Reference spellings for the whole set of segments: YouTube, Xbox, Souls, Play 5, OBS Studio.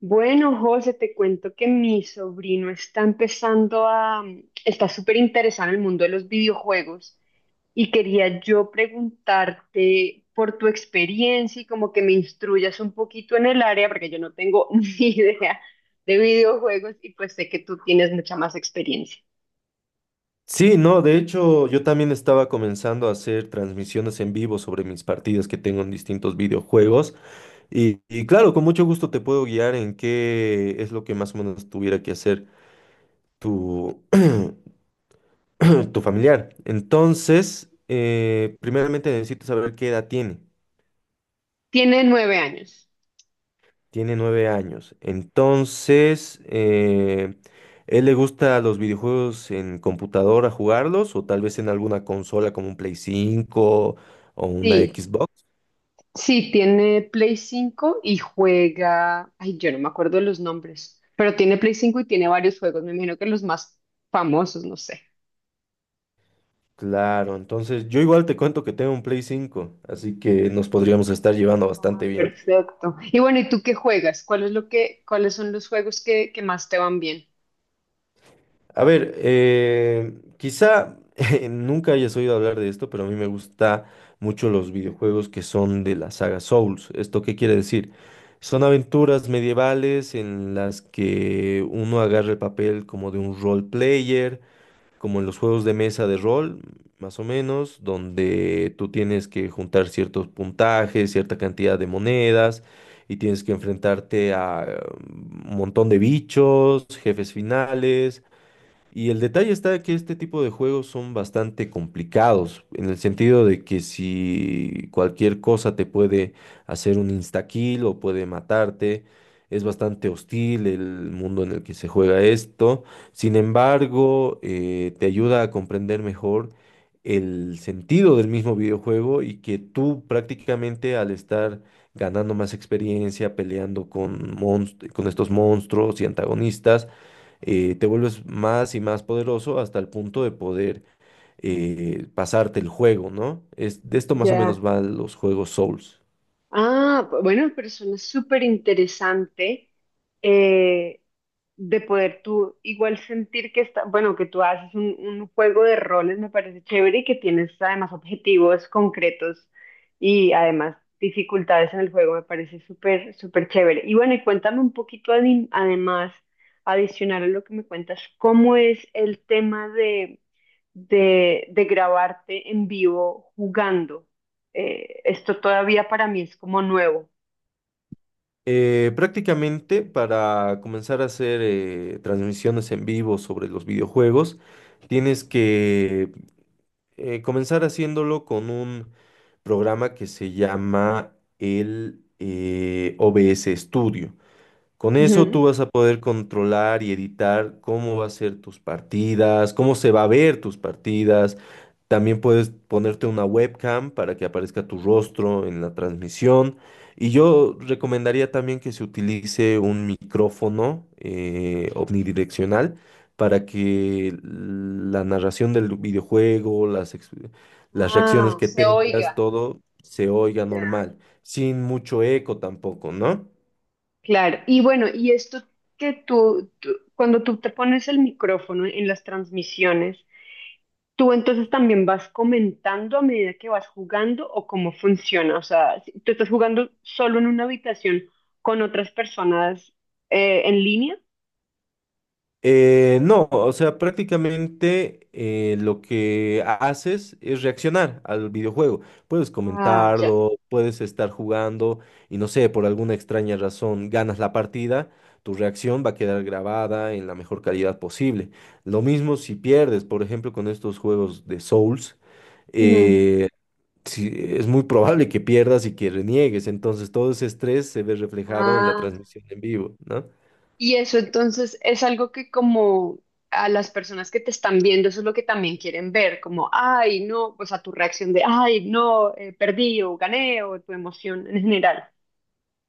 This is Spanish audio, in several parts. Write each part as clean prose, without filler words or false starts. Bueno, José, te cuento que mi sobrino está empezando a, está súper interesado en el mundo de los videojuegos y quería yo preguntarte por tu experiencia y como que me instruyas un poquito en el área porque yo no tengo ni idea de videojuegos y pues sé que tú tienes mucha más experiencia. Sí, no, de hecho yo también estaba comenzando a hacer transmisiones en vivo sobre mis partidas que tengo en distintos videojuegos y claro, con mucho gusto te puedo guiar en qué es lo que más o menos tuviera que hacer tu, tu familiar. Entonces, primeramente necesito saber qué edad tiene. Tiene 9 años. Tiene nueve años. Entonces, ¿él le gusta los videojuegos en computadora jugarlos o tal vez en alguna consola como un Play 5 o una Sí. Xbox? Sí, tiene Play 5 y juega, ay, yo no me acuerdo de los nombres, pero tiene Play 5 y tiene varios juegos, me imagino que los más famosos, no sé. Claro, entonces yo igual te cuento que tengo un Play 5, así que nos podríamos estar llevando bastante bien. Perfecto. Y bueno, ¿y tú qué juegas? ¿Cuál es lo que, cuáles son los juegos que más te van bien? A ver, quizá nunca hayas oído hablar de esto, pero a mí me gusta mucho los videojuegos que son de la saga Souls. ¿Esto qué quiere decir? Son aventuras medievales en las que uno agarra el papel como de un role player como en los juegos de mesa de rol, más o menos, donde tú tienes que juntar ciertos puntajes, cierta cantidad de monedas, y tienes que enfrentarte a un montón de bichos, jefes finales, y el detalle está que este tipo de juegos son bastante complicados, en el sentido de que si cualquier cosa te puede hacer un instakill o puede matarte, es bastante hostil el mundo en el que se juega esto. Sin embargo, te ayuda a comprender mejor el sentido del mismo videojuego y que tú prácticamente al estar ganando más experiencia, peleando con con estos monstruos y antagonistas, te vuelves más y más poderoso hasta el punto de poder pasarte el juego, ¿no? Es, de esto más o Ya. menos van los juegos Souls. Ah, bueno, pero suena súper interesante eh, de poder tú igual sentir que está, bueno, que tú haces un juego de roles, me parece chévere y que tienes además objetivos concretos y además dificultades en el juego, me parece súper, súper chévere. Y bueno, y cuéntame un poquito además, adicional a lo que me cuentas, ¿cómo es el tema de de grabarte en vivo jugando. Esto todavía para mí es como nuevo. Prácticamente para comenzar a hacer transmisiones en vivo sobre los videojuegos, tienes que comenzar haciéndolo con un programa que se llama el OBS Studio. Con eso Ujú. tú vas a poder controlar y editar cómo va a ser tus partidas, cómo se va a ver tus partidas. También puedes ponerte una webcam para que aparezca tu rostro en la transmisión. Y yo recomendaría también que se utilice un micrófono omnidireccional para que la narración del videojuego, las, las reacciones Ah, que se tengas, oiga. todo se oiga Ya. normal, sin mucho eco tampoco, ¿no? Claro, y bueno, y esto que cuando tú te pones el micrófono en las transmisiones, tú entonces también vas comentando a medida que vas jugando o cómo funciona. O sea, si tú estás jugando solo en una habitación con otras personas en línea. No, o sea, prácticamente lo que haces es reaccionar al videojuego. Puedes Ah, ya. comentarlo, puedes estar jugando y no sé, por alguna extraña razón ganas la partida, tu reacción va a quedar grabada en la mejor calidad posible. Lo mismo si pierdes, por ejemplo, con estos juegos de Souls, Ujú. eh, sí, es muy probable que pierdas y que reniegues, entonces todo ese estrés se ve reflejado en la Ah, transmisión en vivo, ¿no? y eso entonces es algo que como a las personas que te están viendo, eso es lo que también quieren ver, como, ay, no, pues a tu reacción de, ay, no, perdí o gané o tu emoción en general.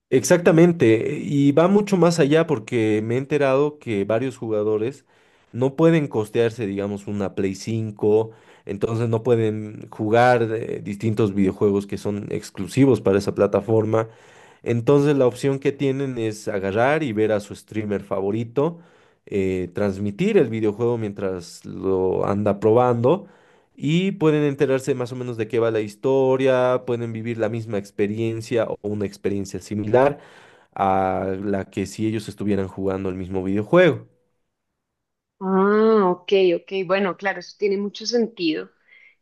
Exactamente, y va mucho más allá porque me he enterado que varios jugadores no pueden costearse, digamos, una Play cinco, entonces no pueden jugar distintos videojuegos que son exclusivos para esa plataforma. Entonces la opción que tienen es agarrar y ver a su streamer favorito, transmitir el videojuego mientras lo anda probando y pueden enterarse más o menos de qué va la historia, pueden vivir la misma experiencia o una experiencia similar a la que si ellos estuvieran jugando el mismo videojuego. Ah, ok, ok, bueno, claro, eso tiene mucho sentido.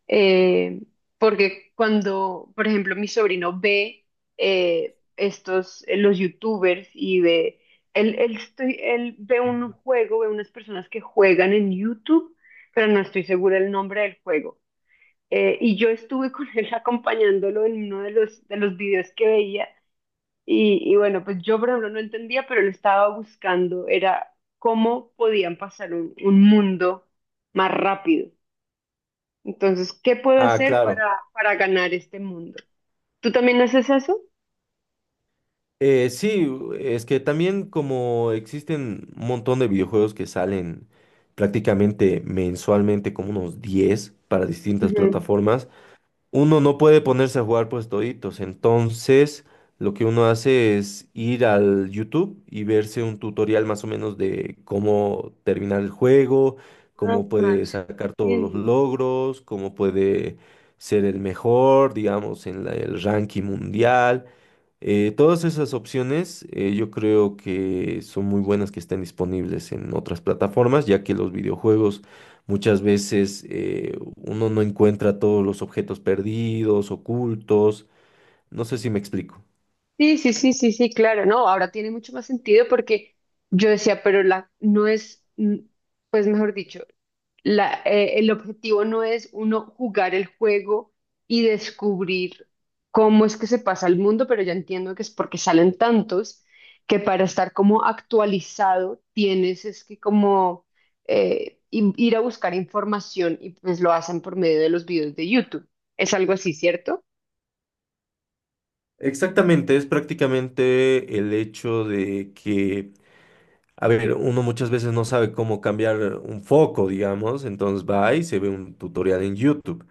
Eh, Porque cuando, por ejemplo, mi sobrino ve estos, los youtubers y ve, él ve un juego, ve unas personas que juegan en YouTube pero no estoy segura el nombre del juego. Y yo estuve con él acompañándolo en uno de los videos que veía. Y bueno, pues yo por ejemplo no entendía, pero lo estaba buscando, era cómo podían pasar un mundo más rápido. Entonces, ¿qué puedo Ah, hacer claro. Para ganar este mundo? ¿Tú también haces eso? Sí, es que también como existen un montón de videojuegos que salen prácticamente mensualmente, como unos 10 para distintas Ujú. plataformas, uno no puede ponerse a jugar pues toditos. Entonces, lo que uno hace es ir al YouTube y verse un tutorial más o menos de cómo terminar el juego, Ah, cómo puede sacar ya todos los entiendo. logros, cómo puede ser el mejor, digamos, en el ranking mundial. Todas esas opciones yo creo que son muy buenas que estén disponibles en otras plataformas, ya que los videojuegos muchas veces uno no encuentra todos los objetos perdidos, ocultos. No sé si me explico. Sí, sí, sí, sí, sí, claro, no, ahora tiene mucho más sentido porque yo decía, pero la no es, pues mejor dicho, el objetivo no es uno jugar el juego y descubrir cómo es que se pasa el mundo, pero ya entiendo que es porque salen tantos que para estar como actualizado tienes es que como ir a buscar información y pues lo hacen por medio de los videos de YouTube. Es algo así, ¿cierto? Exactamente, es prácticamente el hecho de que, a ver, uno muchas veces no sabe cómo cambiar un foco, digamos, entonces va y se ve un tutorial en YouTube.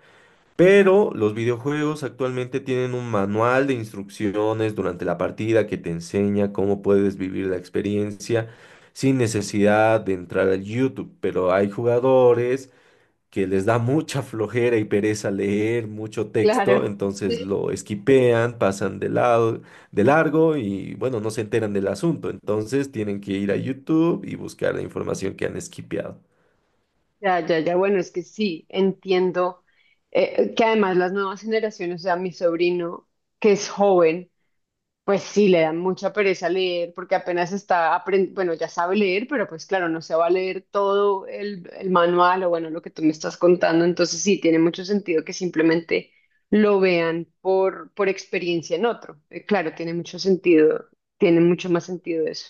Pero los videojuegos actualmente tienen un manual de instrucciones durante la partida que te enseña cómo puedes vivir la experiencia sin necesidad de entrar al YouTube. Pero hay jugadores que les da mucha flojera y pereza leer mucho texto, Claro, entonces sí, lo esquipean, pasan de lado, de largo y bueno, no se enteran del asunto. Entonces tienen que ir a YouTube y buscar la información que han esquipeado. ya, ya, ya, bueno, es que sí, entiendo que además las nuevas generaciones, o sea, mi sobrino, que es joven, pues sí, le da mucha pereza leer porque apenas está aprendiendo, bueno, ya sabe leer, pero pues claro, no se va a leer todo el manual o bueno, lo que tú me estás contando, entonces sí, tiene mucho sentido que simplemente lo vean por experiencia en otro. Claro, tiene mucho sentido, tiene mucho más sentido eso.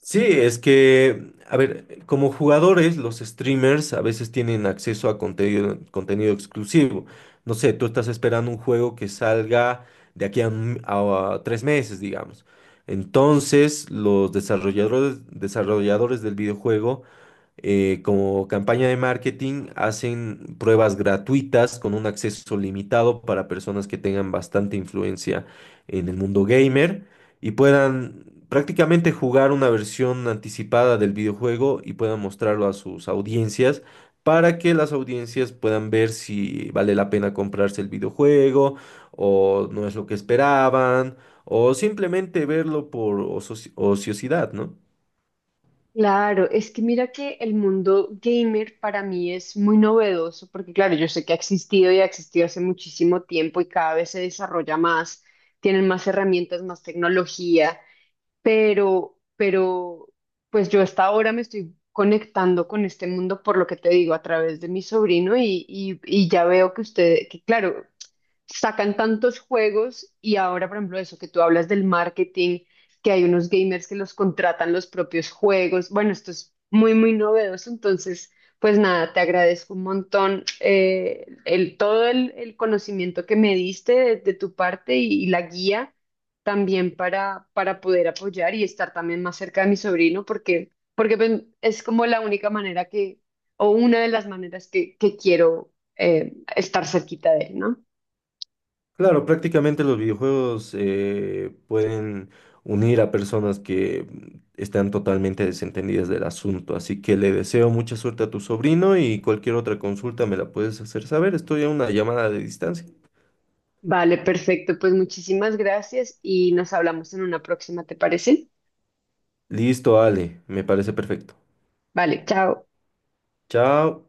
Sí, es que, a ver, como jugadores, los streamers a veces tienen acceso a contenido, contenido exclusivo. No sé, tú estás esperando un juego que salga de aquí a, a 3 meses, digamos. Entonces, desarrolladores del videojuego como campaña de marketing, hacen pruebas gratuitas con un acceso limitado para personas que tengan bastante influencia en el mundo gamer y puedan prácticamente jugar una versión anticipada del videojuego y puedan mostrarlo a sus audiencias para que las audiencias puedan ver si vale la pena comprarse el videojuego o no es lo que esperaban o simplemente verlo por ociosidad, ¿no? Claro, es que mira que el mundo gamer para mí es muy novedoso, porque claro, yo sé que ha existido y ha existido hace muchísimo tiempo y cada vez se desarrolla más, tienen más herramientas, más tecnología, pero, pues yo hasta ahora me estoy conectando con este mundo por lo que te digo a través de mi sobrino y ya veo que usted, que claro sacan tantos juegos y ahora, por ejemplo, eso que tú hablas del marketing, que hay unos gamers que los contratan los propios juegos. Bueno, esto es muy, muy novedoso. Entonces, pues nada, te agradezco un montón todo el conocimiento que me diste de tu parte y la guía también para poder apoyar y estar también más cerca de mi sobrino, porque, porque pues, es como la única manera que, o una de las maneras que quiero estar cerquita de él, ¿no? Claro, prácticamente los videojuegos pueden unir a personas que están totalmente desentendidas del asunto, así que le deseo mucha suerte a tu sobrino y cualquier otra consulta me la puedes hacer saber, estoy a una llamada de distancia. Vale, perfecto. Pues muchísimas gracias y nos hablamos en una próxima, ¿te parece? Listo, Ale, me parece perfecto. Vale, chao. Chao.